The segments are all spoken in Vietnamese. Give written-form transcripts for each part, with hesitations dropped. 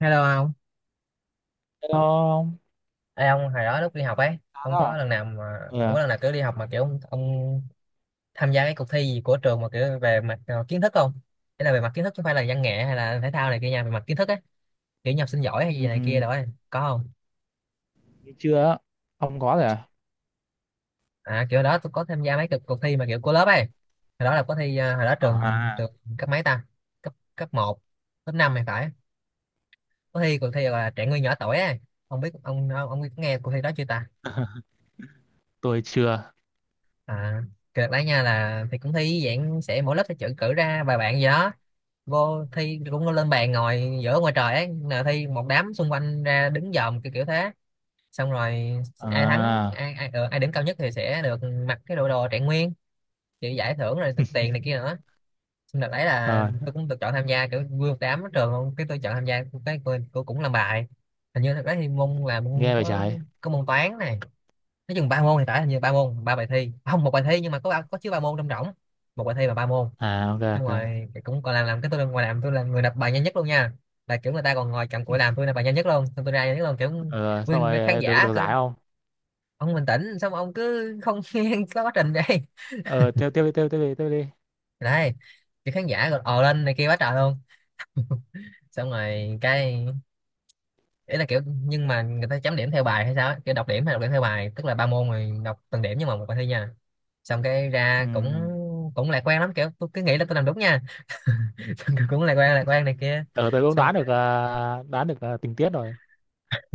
Hello ông. Hello ông. Ê, ông hồi đó lúc đi học ấy À, ông có đó. lần nào mà Ừ. ông À? có lần nào kiểu đi học mà kiểu ông tham gia cái cuộc thi gì của trường mà kiểu về mặt kiến thức không? Thế là về mặt kiến thức chứ không phải là văn nghệ hay là thể thao này kia nha, về mặt kiến thức á, kiểu nhập sinh giỏi hay Ừ. gì này kia đó ấy. Có không? Chưa á. Ông có rồi à? À, kiểu đó tôi có tham gia mấy cuộc thi mà kiểu của lớp ấy. Hồi đó là có thi hồi đó trường À, trường cấp mấy ta, cấp cấp một, cấp 5 thì phải. Có thi cuộc thi gọi là trẻ nguyên nhỏ tuổi ấy. Ông biết ông ông biết nghe cuộc thi đó chưa ta? tôi chưa. À, cái đợt đấy nha là thì cũng thi dạng sẽ mỗi lớp sẽ chọn cử ra vài bạn gì đó vô thi, cũng lên bàn ngồi giữa ngoài trời ấy, là thi một đám xung quanh ra đứng dòm kiểu kiểu thế. Xong rồi ai thắng À, ai ai, ờ, ai điểm cao nhất thì sẽ được mặc cái đồ đồ trạng nguyên, chịu giải thưởng rồi được tiền này kia nữa. Xong đợt đấy là ờ, tôi cũng được chọn tham gia, kiểu vui một đám ở trường luôn, cái tôi chọn tham gia, cái tôi cũng làm bài, hình như thật đấy thì môn là môn nghe về có trái. có môn toán này, nói chừng ba môn thì phải, hình như ba môn ba bài thi. À, không, một bài thi nhưng mà có có chứa ba môn trong rỗng, một bài thi và ba môn. À, ok Xong ok. rồi thì cũng còn làm cái tôi lên ngoài làm, tôi là người đọc bài nhanh nhất luôn nha, là kiểu người ta còn ngồi cầm cụi làm, tôi là bài nhanh nhất luôn, xong tôi ra nhanh nhất luôn kiểu Ờ, Xong rồi, nguyên khán được giả được kiểu, giải không? ông bình tĩnh xong ông cứ không nghe có quá trình đây. Ờ Tiếp tiếp đi tiếp tiếp đi tiếp đi. Đấy, thì khán giả gọi ồ lên này kia quá trời luôn. Xong rồi cái ý là kiểu nhưng mà người ta chấm điểm theo bài hay sao á, kiểu đọc điểm hay đọc điểm theo bài, tức là ba môn rồi đọc từng điểm nhưng mà một bài thi nha. Xong cái ra cũng Ừm, cũng lạc quan lắm, kiểu tôi cứ nghĩ là tôi làm đúng nha. Xong kiểu cũng lạc quan này kia. ờ tôi cũng Xong đoán được, đoán được, tình tiết rồi.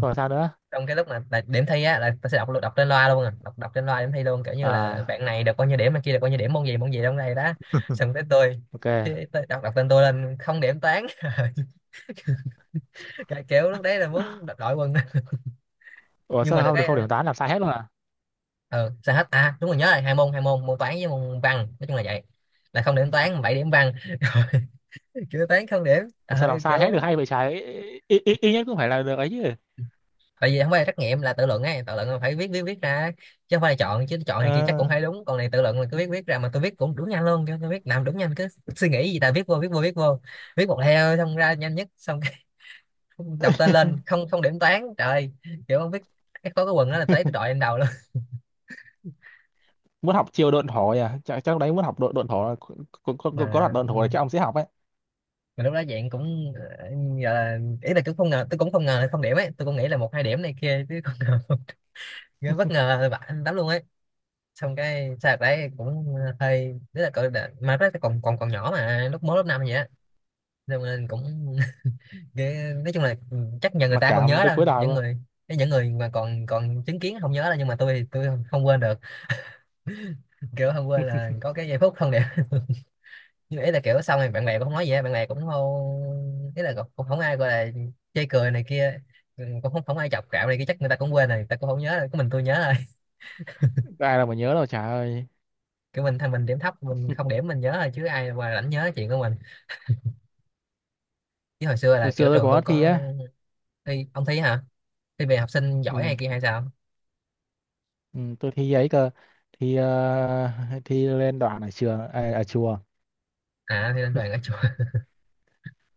Rồi sao nữa? trong cái lúc mà tại điểm thi á là tôi sẽ đọc đọc trên loa luôn, à đọc đọc trên loa điểm thi luôn, kiểu như là À, bạn này được bao nhiêu điểm, bạn kia được bao nhiêu điểm, môn gì trong này đó. Xong tới tôi, ok. Tôi đọc đọc tên tôi lên, không điểm toán. Cái kiểu lúc đấy là muốn đập đội quân. Ủa Nhưng sao mà được không được, cái không điểm toán, làm sai hết luôn à? ờ, sao hết à, đúng rồi nhớ rồi, hai môn môn toán với môn văn, nói chung là vậy, là không điểm toán 7 điểm văn. Rồi kiểu toán không điểm. Ủa Ờ, sao làm sai hết được kiểu hay vậy trái? Ít ít ít nhất cũng phải là được ấy chứ. tại vì không phải là trắc nghiệm, là tự luận ấy, tự luận là phải viết viết viết ra chứ không phải là chọn, chứ chọn thì kia chắc cũng Ờ. thấy đúng, còn này tự luận là cứ viết viết ra mà tôi viết cũng đúng nhanh luôn, chứ tôi viết làm đúng nhanh, cứ suy nghĩ gì ta viết vô viết vô, viết một heo xong ra nhanh nhất. Xong cái đọc tên lên không không điểm toán, trời. Kiểu không biết, cái có cái quần đó là tới tôi đội lên đầu luôn. Muốn học chiêu độn thổ nhỉ, chắc chắc đấy muốn học độn độn thổ là có. Có, có đoạn Mà độn thổ này chắc ông sẽ học ấy. mà lúc đó dạng cũng ờ, giờ là ý là cũng không ngờ, tôi cũng không ngờ là không điểm ấy, tôi cũng nghĩ là một hai điểm này kia chứ không ngờ. Ghê bất ngờ bạn lắm luôn ấy. Xong cái sao đấy cũng hơi rất là cỡ mà rất là còn còn còn nhỏ mà lúc mới lớp năm vậy á. Xong nên cũng nói chung là chắc nhờ người Mà ta không cả nhớ tới đâu, cuối đời những luôn. người, cái những người mà còn còn chứng kiến không nhớ đâu, nhưng mà tôi thì tôi không quên được. Kiểu không quên là có cái giây phút không đẹp. Nhưng ý là kiểu xong rồi bạn bè cũng không nói gì á, bạn bè cũng không, ý là cũng cũng không ai gọi là chê cười này kia. Ừ, cũng không không ai chọc cạo này kia, chắc người ta cũng quên rồi, người ta cũng không nhớ rồi, có mình tôi nhớ rồi. Ai là mà nhớ đâu trời ơi. Kiểu mình thằng mình điểm thấp, mình không điểm, mình nhớ rồi chứ ai mà rảnh nhớ chuyện của mình. Chứ hồi xưa là Hồi xưa kiểu tôi trường tôi có thi có. á. Thi ông thi hả? Thi về học sinh giỏi Ừ, hay kia hay sao? ừ, tôi thi ấy cơ. thi ờ, Thi lên đoạn ở trường, à, ở chùa. À, thi lên đoàn ở chùa.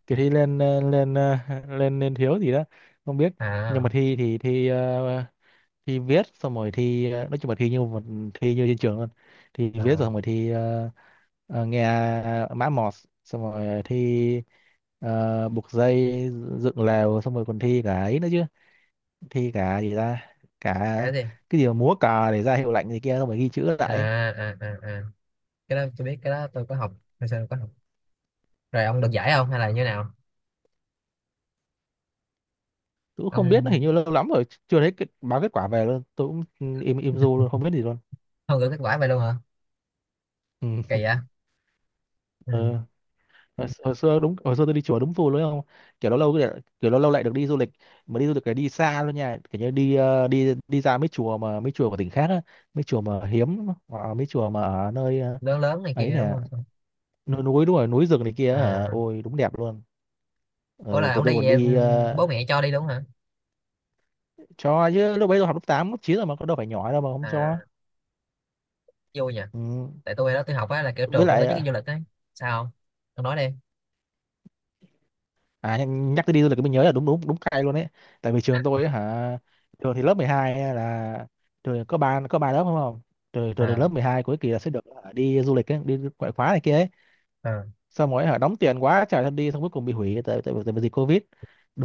Thì thi lên, lên thiếu gì đó. Không biết. Nhưng À, mà thi thì thi, thi viết xong rồi thi, nói chung là thi như một, thi như trên trường luôn. Thi viết rồi xong à rồi thi, nghe, mã mọt, xong rồi thi, buộc dây, dựng lều xong rồi còn thi cả ấy nữa chứ. Thi cả gì ra? Cả. cái gì? Cái gì mà múa cờ để ra hiệu lệnh gì kia xong rồi ghi chữ lại À, ấy. à à à, cái đó tôi biết, cái đó tôi có học, hồi xưa tôi có học. Rồi ông được giải không hay là như nào? Tôi cũng không biết, nó hình như Ông lâu lắm rồi chưa thấy cái báo kết quả về luôn, tôi cũng im im du luôn không biết gì luôn. không gửi kết quả vậy luôn hả? Ừ. Kỳ vậy. Ừ. Ờ. Hồi xưa đúng hồi xưa tôi đi chùa đúng phù luôn không. Kiểu lâu lâu lại được đi du lịch. Mà đi du lịch cái đi xa luôn nha, kiểu như đi ờ, đi đi ra mấy chùa mà mấy chùa của tỉnh khác á. Mấy chùa mà hiếm hoặc là mấy chùa mà ở nơi, Lớn lớn này ấy kia đúng nè. không? Núi núi đúng rồi núi rừng này kia hả, À, ôi đúng đẹp luôn. ủa là Tụi ông tôi đi còn về, ừ, đi, bố mẹ cho đi đúng hả? cho chứ lúc bấy tôi học lớp 8 lớp 9 rồi mà, có đâu phải nhỏ đâu mà không cho. À, vui nhỉ. Ừ. Tại tôi đó tôi học á là kiểu Với trường cũng tổ lại, chức cái du lịch ấy. Sao không? Ông nói đi. à, nhắc nhắc tới đi du lịch cái mình nhớ là đúng đúng đúng cay luôn đấy. Tại vì trường tôi ấy, hả, trường thì lớp 12 ấy là trường có ba lớp đúng không? Trường trường thì À, lớp 12 cuối kỳ là sẽ được, hả, đi du lịch ấy, đi ngoại khóa này kia ấy. à. Xong rồi, hả, đóng tiền quá trả thân đi xong cuối cùng bị hủy tại tại, tại vì dịch Covid.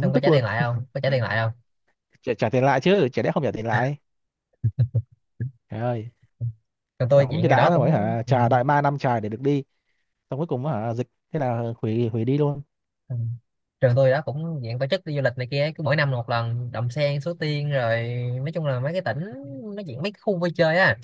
Xong có tức trả luôn. tiền lại không, có trả tiền lại không? Trả tiền lại chứ, chả lẽ không trả tiền lại. Trời ơi, Trường tôi đóng chuyện cho ngày đó đã rồi, cũng hả, trả đại ma năm trời để được đi. Xong cuối cùng hả dịch thế là hủy hủy đi luôn. ừ. Trường tôi đó cũng diện tổ chức đi du lịch này kia, cứ mỗi năm một lần Đầm Sen Suối Tiên rồi, nói chung là mấy cái tỉnh, nó diện mấy cái khu vui chơi á,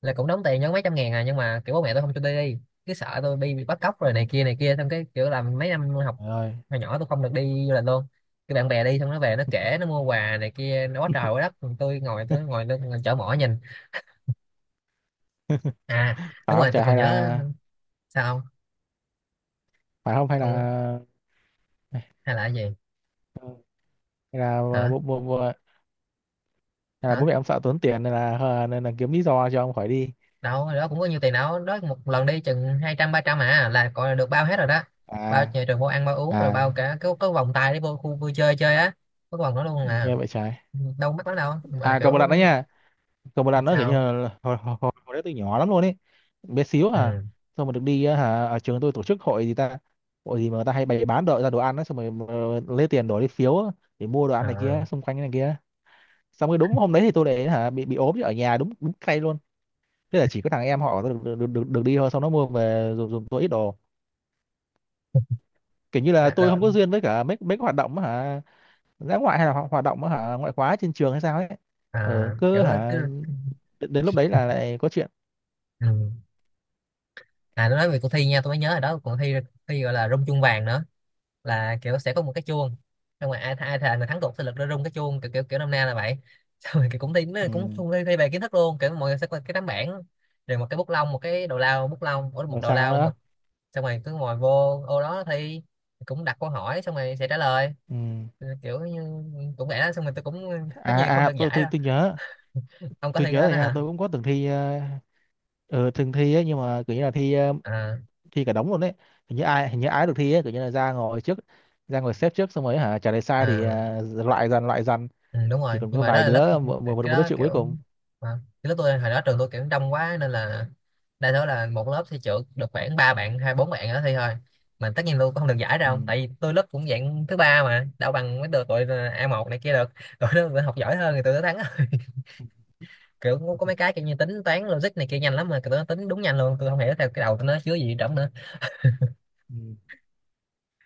là cũng đóng tiền nhớ mấy trăm ngàn à, nhưng mà kiểu bố mẹ tôi không cho tôi đi, cứ sợ tôi bị bắt cóc Ừ, rồi này kia này kia, xong cái kiểu là mấy năm học trời ơi. hồi nhỏ tôi không được đi du lịch luôn. Cái bạn bè đi xong nó về nó kể, nó mua quà này kia nó quá trời quá đất. Còn tôi ngồi, tôi ngồi chở mỏ nhìn. À Phải đúng không rồi tôi trời còn hay nhớ. là, Sao? phải không hay Không, là, không, hay là cái gì? hay là à, Hả? bộ, à, bố Hả? mẹ ông sợ tốn tiền nên là kiếm lý do cho ông khỏi đi. Đâu hồi đó cũng có nhiều tiền đâu, đó một lần đi chừng hai trăm ba trăm à là gọi là được bao hết rồi đó, bao À. nhà trường vô ăn, bao uống, rồi À. bao cả cái vòng tay để vô khu vui chơi chơi á, có cái vòng đó luôn à, Nghe vậy trái. đâu mắc lắm đâu mà À, còn một kiểu. lần nữa nha. Còn một lần nữa kiểu như Sao? là hồi đấy tôi nhỏ lắm luôn ấy. Bé xíu à. Ừ, Xong mà được đi á, hả ở trường tôi tổ chức hội gì ta. Hội gì mà người ta hay bày bán đồ ra đồ ăn á xong rồi mà lấy tiền đổi đi phiếu á, để mua đồ ăn này à, kia xung quanh này kia. Xong rồi đúng hôm đấy thì tôi để hả bị ốm chứ ở nhà đúng đúng cay luôn. Thế là chỉ có thằng em họ tôi được đi thôi xong nó mua về dùng tôi ít đồ. Kiểu như là à, tôi rồi, không có duyên với cả mấy mấy cái hoạt động á hả, dã ngoại hay là hoạt động á hả ngoại khóa trên trường hay sao ấy. Ở à cứ kiểu là hả. cứ, Đến lúc đấy là lại có chuyện. ừ. À tôi nói về cuộc thi nha, tôi mới nhớ rồi đó, cuộc thi, thi gọi là rung chuông vàng nữa, là kiểu sẽ có một cái chuông, xong rồi ai ai thề là thắng cuộc sẽ lực ra rung cái chuông kiểu kiểu kiểu năm nay là vậy. Xong rồi kiểu cũng thi, nó Ừ. cũng cũng thi, thi về kiến thức luôn, kiểu mọi người sẽ có cái tấm bảng rồi một cái bút lông, một cái đầu lao bút lông, ủa, một Rồi đầu sao lao nữa? mực. Xong rồi cứ ngồi vô ô đó thi, cũng đặt câu hỏi xong rồi sẽ trả lời. Ừ. Ừ, kiểu như cũng vậy đó. Xong rồi tôi cũng, tất À, nhiên không à, được tôi giải tôi đâu. tôi nhớ. Ông có thi Tôi cái nhớ đó rồi đó nha, hả? tôi cũng có từng thi, ừ, từng thi ấy nhưng mà kiểu như là thi, À, thi cả đống luôn đấy. Hình như ai được thi ấy kiểu như là ra ngồi trước, ra ngồi xếp trước xong rồi hả trả lời sai thì, à, loại dần loại dần. ừ, đúng Chỉ rồi còn nhưng có mà đó vài là lớp, đứa, một, một, cái một đứa đó chịu kiểu, cuối cùng. mà cái lớp tôi hồi đó trường tôi kiểu đông quá nên là đa số là một lớp thi trượt được khoảng ba bạn hai bốn bạn đó thi thôi, mà tất nhiên tôi cũng không được giải Ừ. đâu, tại vì tôi lớp cũng dạng thứ ba mà đâu bằng mấy đứa tụi a một này kia được. Tụi nó học giỏi hơn thì tụi nó thắng. Kiểu có mấy cái kiểu như tính toán logic này kia nhanh lắm mà tụi nó tính đúng nhanh luôn, tôi không hiểu theo cái đầu tụi nó chứa gì trong nữa. Ừ.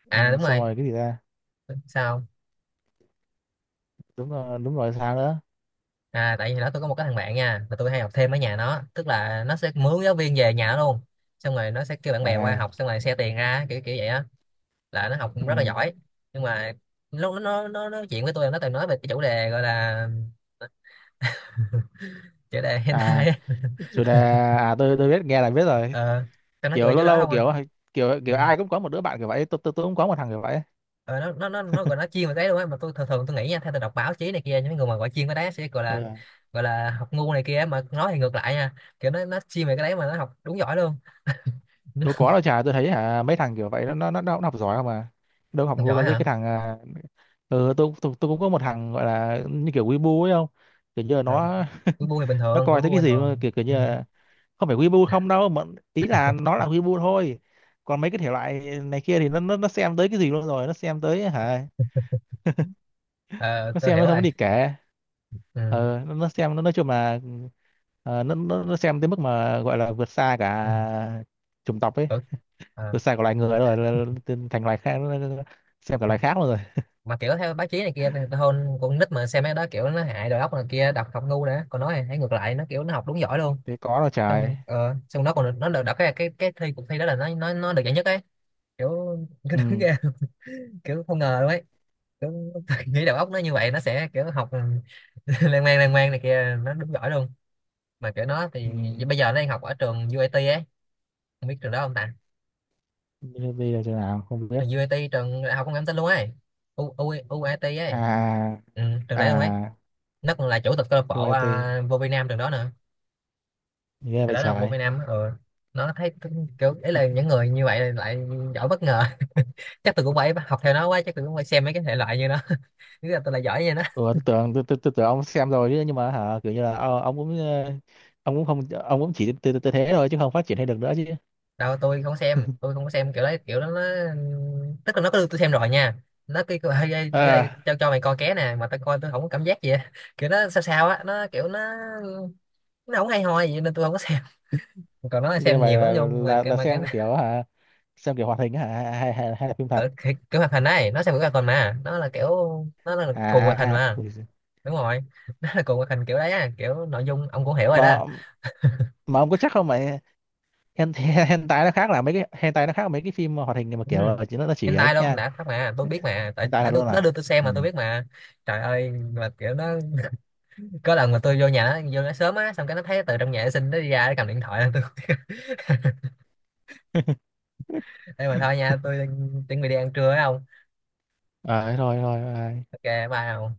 Ừ. À đúng Xong rồi. rồi cái gì ra? Sao? Đúng rồi, đúng rồi sao nữa? À tại vì đó tôi có một cái thằng bạn nha mà tôi hay học thêm ở nhà nó, tức là nó sẽ mướn giáo viên về nhà nó luôn, xong rồi nó sẽ kêu bạn bè qua À. học, xong rồi xe tiền ra kiểu kiểu vậy á, là nó học cũng rất là Ừ. giỏi. Nhưng mà lúc nó nói chuyện với tôi, nó toàn nói về cái chủ đề gọi là chủ đề À, hentai á. chủ đề. À, tôi biết, nghe là biết rồi. Ờ, tao nói Kiểu chuyện chỗ lâu đó lâu không à. kiểu, kiểu Ừ. kiểu ai cũng có một đứa bạn kiểu vậy, tôi cũng có một thằng kiểu vậy. Ờ, nó gọi nó chuyên về cái luôn á, mà tôi thường thường tôi nghĩ nha, theo tôi đọc báo chí này kia những người mà gọi chuyên cái đấy sẽ gọi là, Ừ. gọi là học ngu này kia, mà nói thì ngược lại nha, kiểu nó chuyên về cái đấy mà nó học đúng giỏi luôn. Đâu có đâu, chả tôi thấy hả mấy thằng kiểu vậy nó cũng học giỏi không à. Đâu học Học ngu giỏi đâu, cái hả? cái thằng, à, ừ, tôi cũng có một thằng gọi là như kiểu Weibo ấy không. Kiểu như là À, nó cuối bu thì bình nó thường, cuối coi thấy bu cái bình gì mà thường, kiểu kiểu như ừ. là không phải Weibo không đâu mà, ý là nó là Weibo thôi. Còn mấy cái thể loại này kia thì nó xem tới cái gì luôn rồi nó xem tới hả, À, nó tôi xem hiểu nó không có rồi. đi kể. Ừ. Ờ, nó xem nó nói chung là, nó xem tới mức mà gọi là vượt xa Ừ. cả chủng tộc ấy, Ừ. À, vượt xa cả loài người rồi nó thành loài khác, nó xem cả loài khác luôn rồi. mà kiểu theo báo chí này kia thì hơn con nít mà xem mấy đó kiểu nó hại đầu óc này kia đọc học ngu nữa, còn nó thì thấy ngược lại, nó kiểu nó học đúng giỏi luôn. Thế có đâu Xong trời. Xong nó còn nó được đọc cái cái thi cuộc thi đó là nó được giải nhất ấy, kiểu cái đúng Ừ, ra kiểu không ngờ luôn ấy, kiểu, tôi nghĩ đầu óc nó như vậy nó sẽ kiểu học lan man này kia nó đúng giỏi luôn. Mà kiểu nó thì ừ. bây giờ nó đang học ở trường UAT ấy, không biết trường đó không ta, Bây bây giờ chỗ nào không biết. trường u UIT, trường đại học công nghệ thông tin luôn ấy, U, U, UIT ấy, À. ừ, trường đấy luôn ấy. À. Nó còn là chủ tịch câu lạc bộ OIT. à, vô Việt Nam trường đó nữa. Ghê Trường vậy đó nó học vô trời. Việt Nam, ừ. Nó thấy cũng kiểu ấy là những người như vậy lại giỏi bất ngờ. Chắc tôi cũng phải học theo nó quá, chắc tôi cũng phải xem mấy cái thể loại như nó. Nghĩ là tôi là giỏi như nó. Ừ, tôi tưởng, tôi tưởng ông xem rồi chứ, nhưng mà hả kiểu như là, ông cũng, ông cũng không ông cũng chỉ tới thế thôi chứ không phát triển hay được nữa chứ. Đâu tôi không xem, tôi không có xem kiểu đấy, kiểu đó nó, tức là nó có đưa tôi xem rồi nha, nó kêu kêu, "Ê, ê, vô đây À. cho mày coi ké nè, mà tao coi tôi không có cảm giác gì á." Kiểu nó sao sao á, nó kiểu nó không hay ho gì nên tôi không có. Còn nó là Ghê xem vậy nhiều lắm, là nhưng là, là mà cái xem kiểu hả, xem kiểu hoạt hình hả, hay là phim thật. ở cái hoạt hình này, nó xem cái hoạt hình mà nó là kiểu, nó là cùng hoạt hình À, mà. ui giời. Đúng rồi. Nó là cùng hoạt hình kiểu đấy á, kiểu nội dung ông cũng hiểu rồi mà đó. mà ông có chắc không mà, hen hen, hentai nó khác, là mấy cái hentai nó khác mấy cái phim hoạt hình mà Ừ. kiểu, chỉ nó chỉ ấy Hentai luôn nha. đã phát mà tôi biết mà, tại Hentai tại thật tôi luôn nó à. đưa tôi xem Ừ. mà tôi biết mà. Trời ơi mà kiểu nó, có lần mà tôi vô nhà nó, vô nó sớm á, xong cái nó thấy từ trong nhà vệ sinh nó đi ra, nó cầm điện thoại lên tôi. Đây mà thôi nha, tôi chuẩn bị đi ăn trưa phải không? À thế thôi thôi bye. Ok, bye không.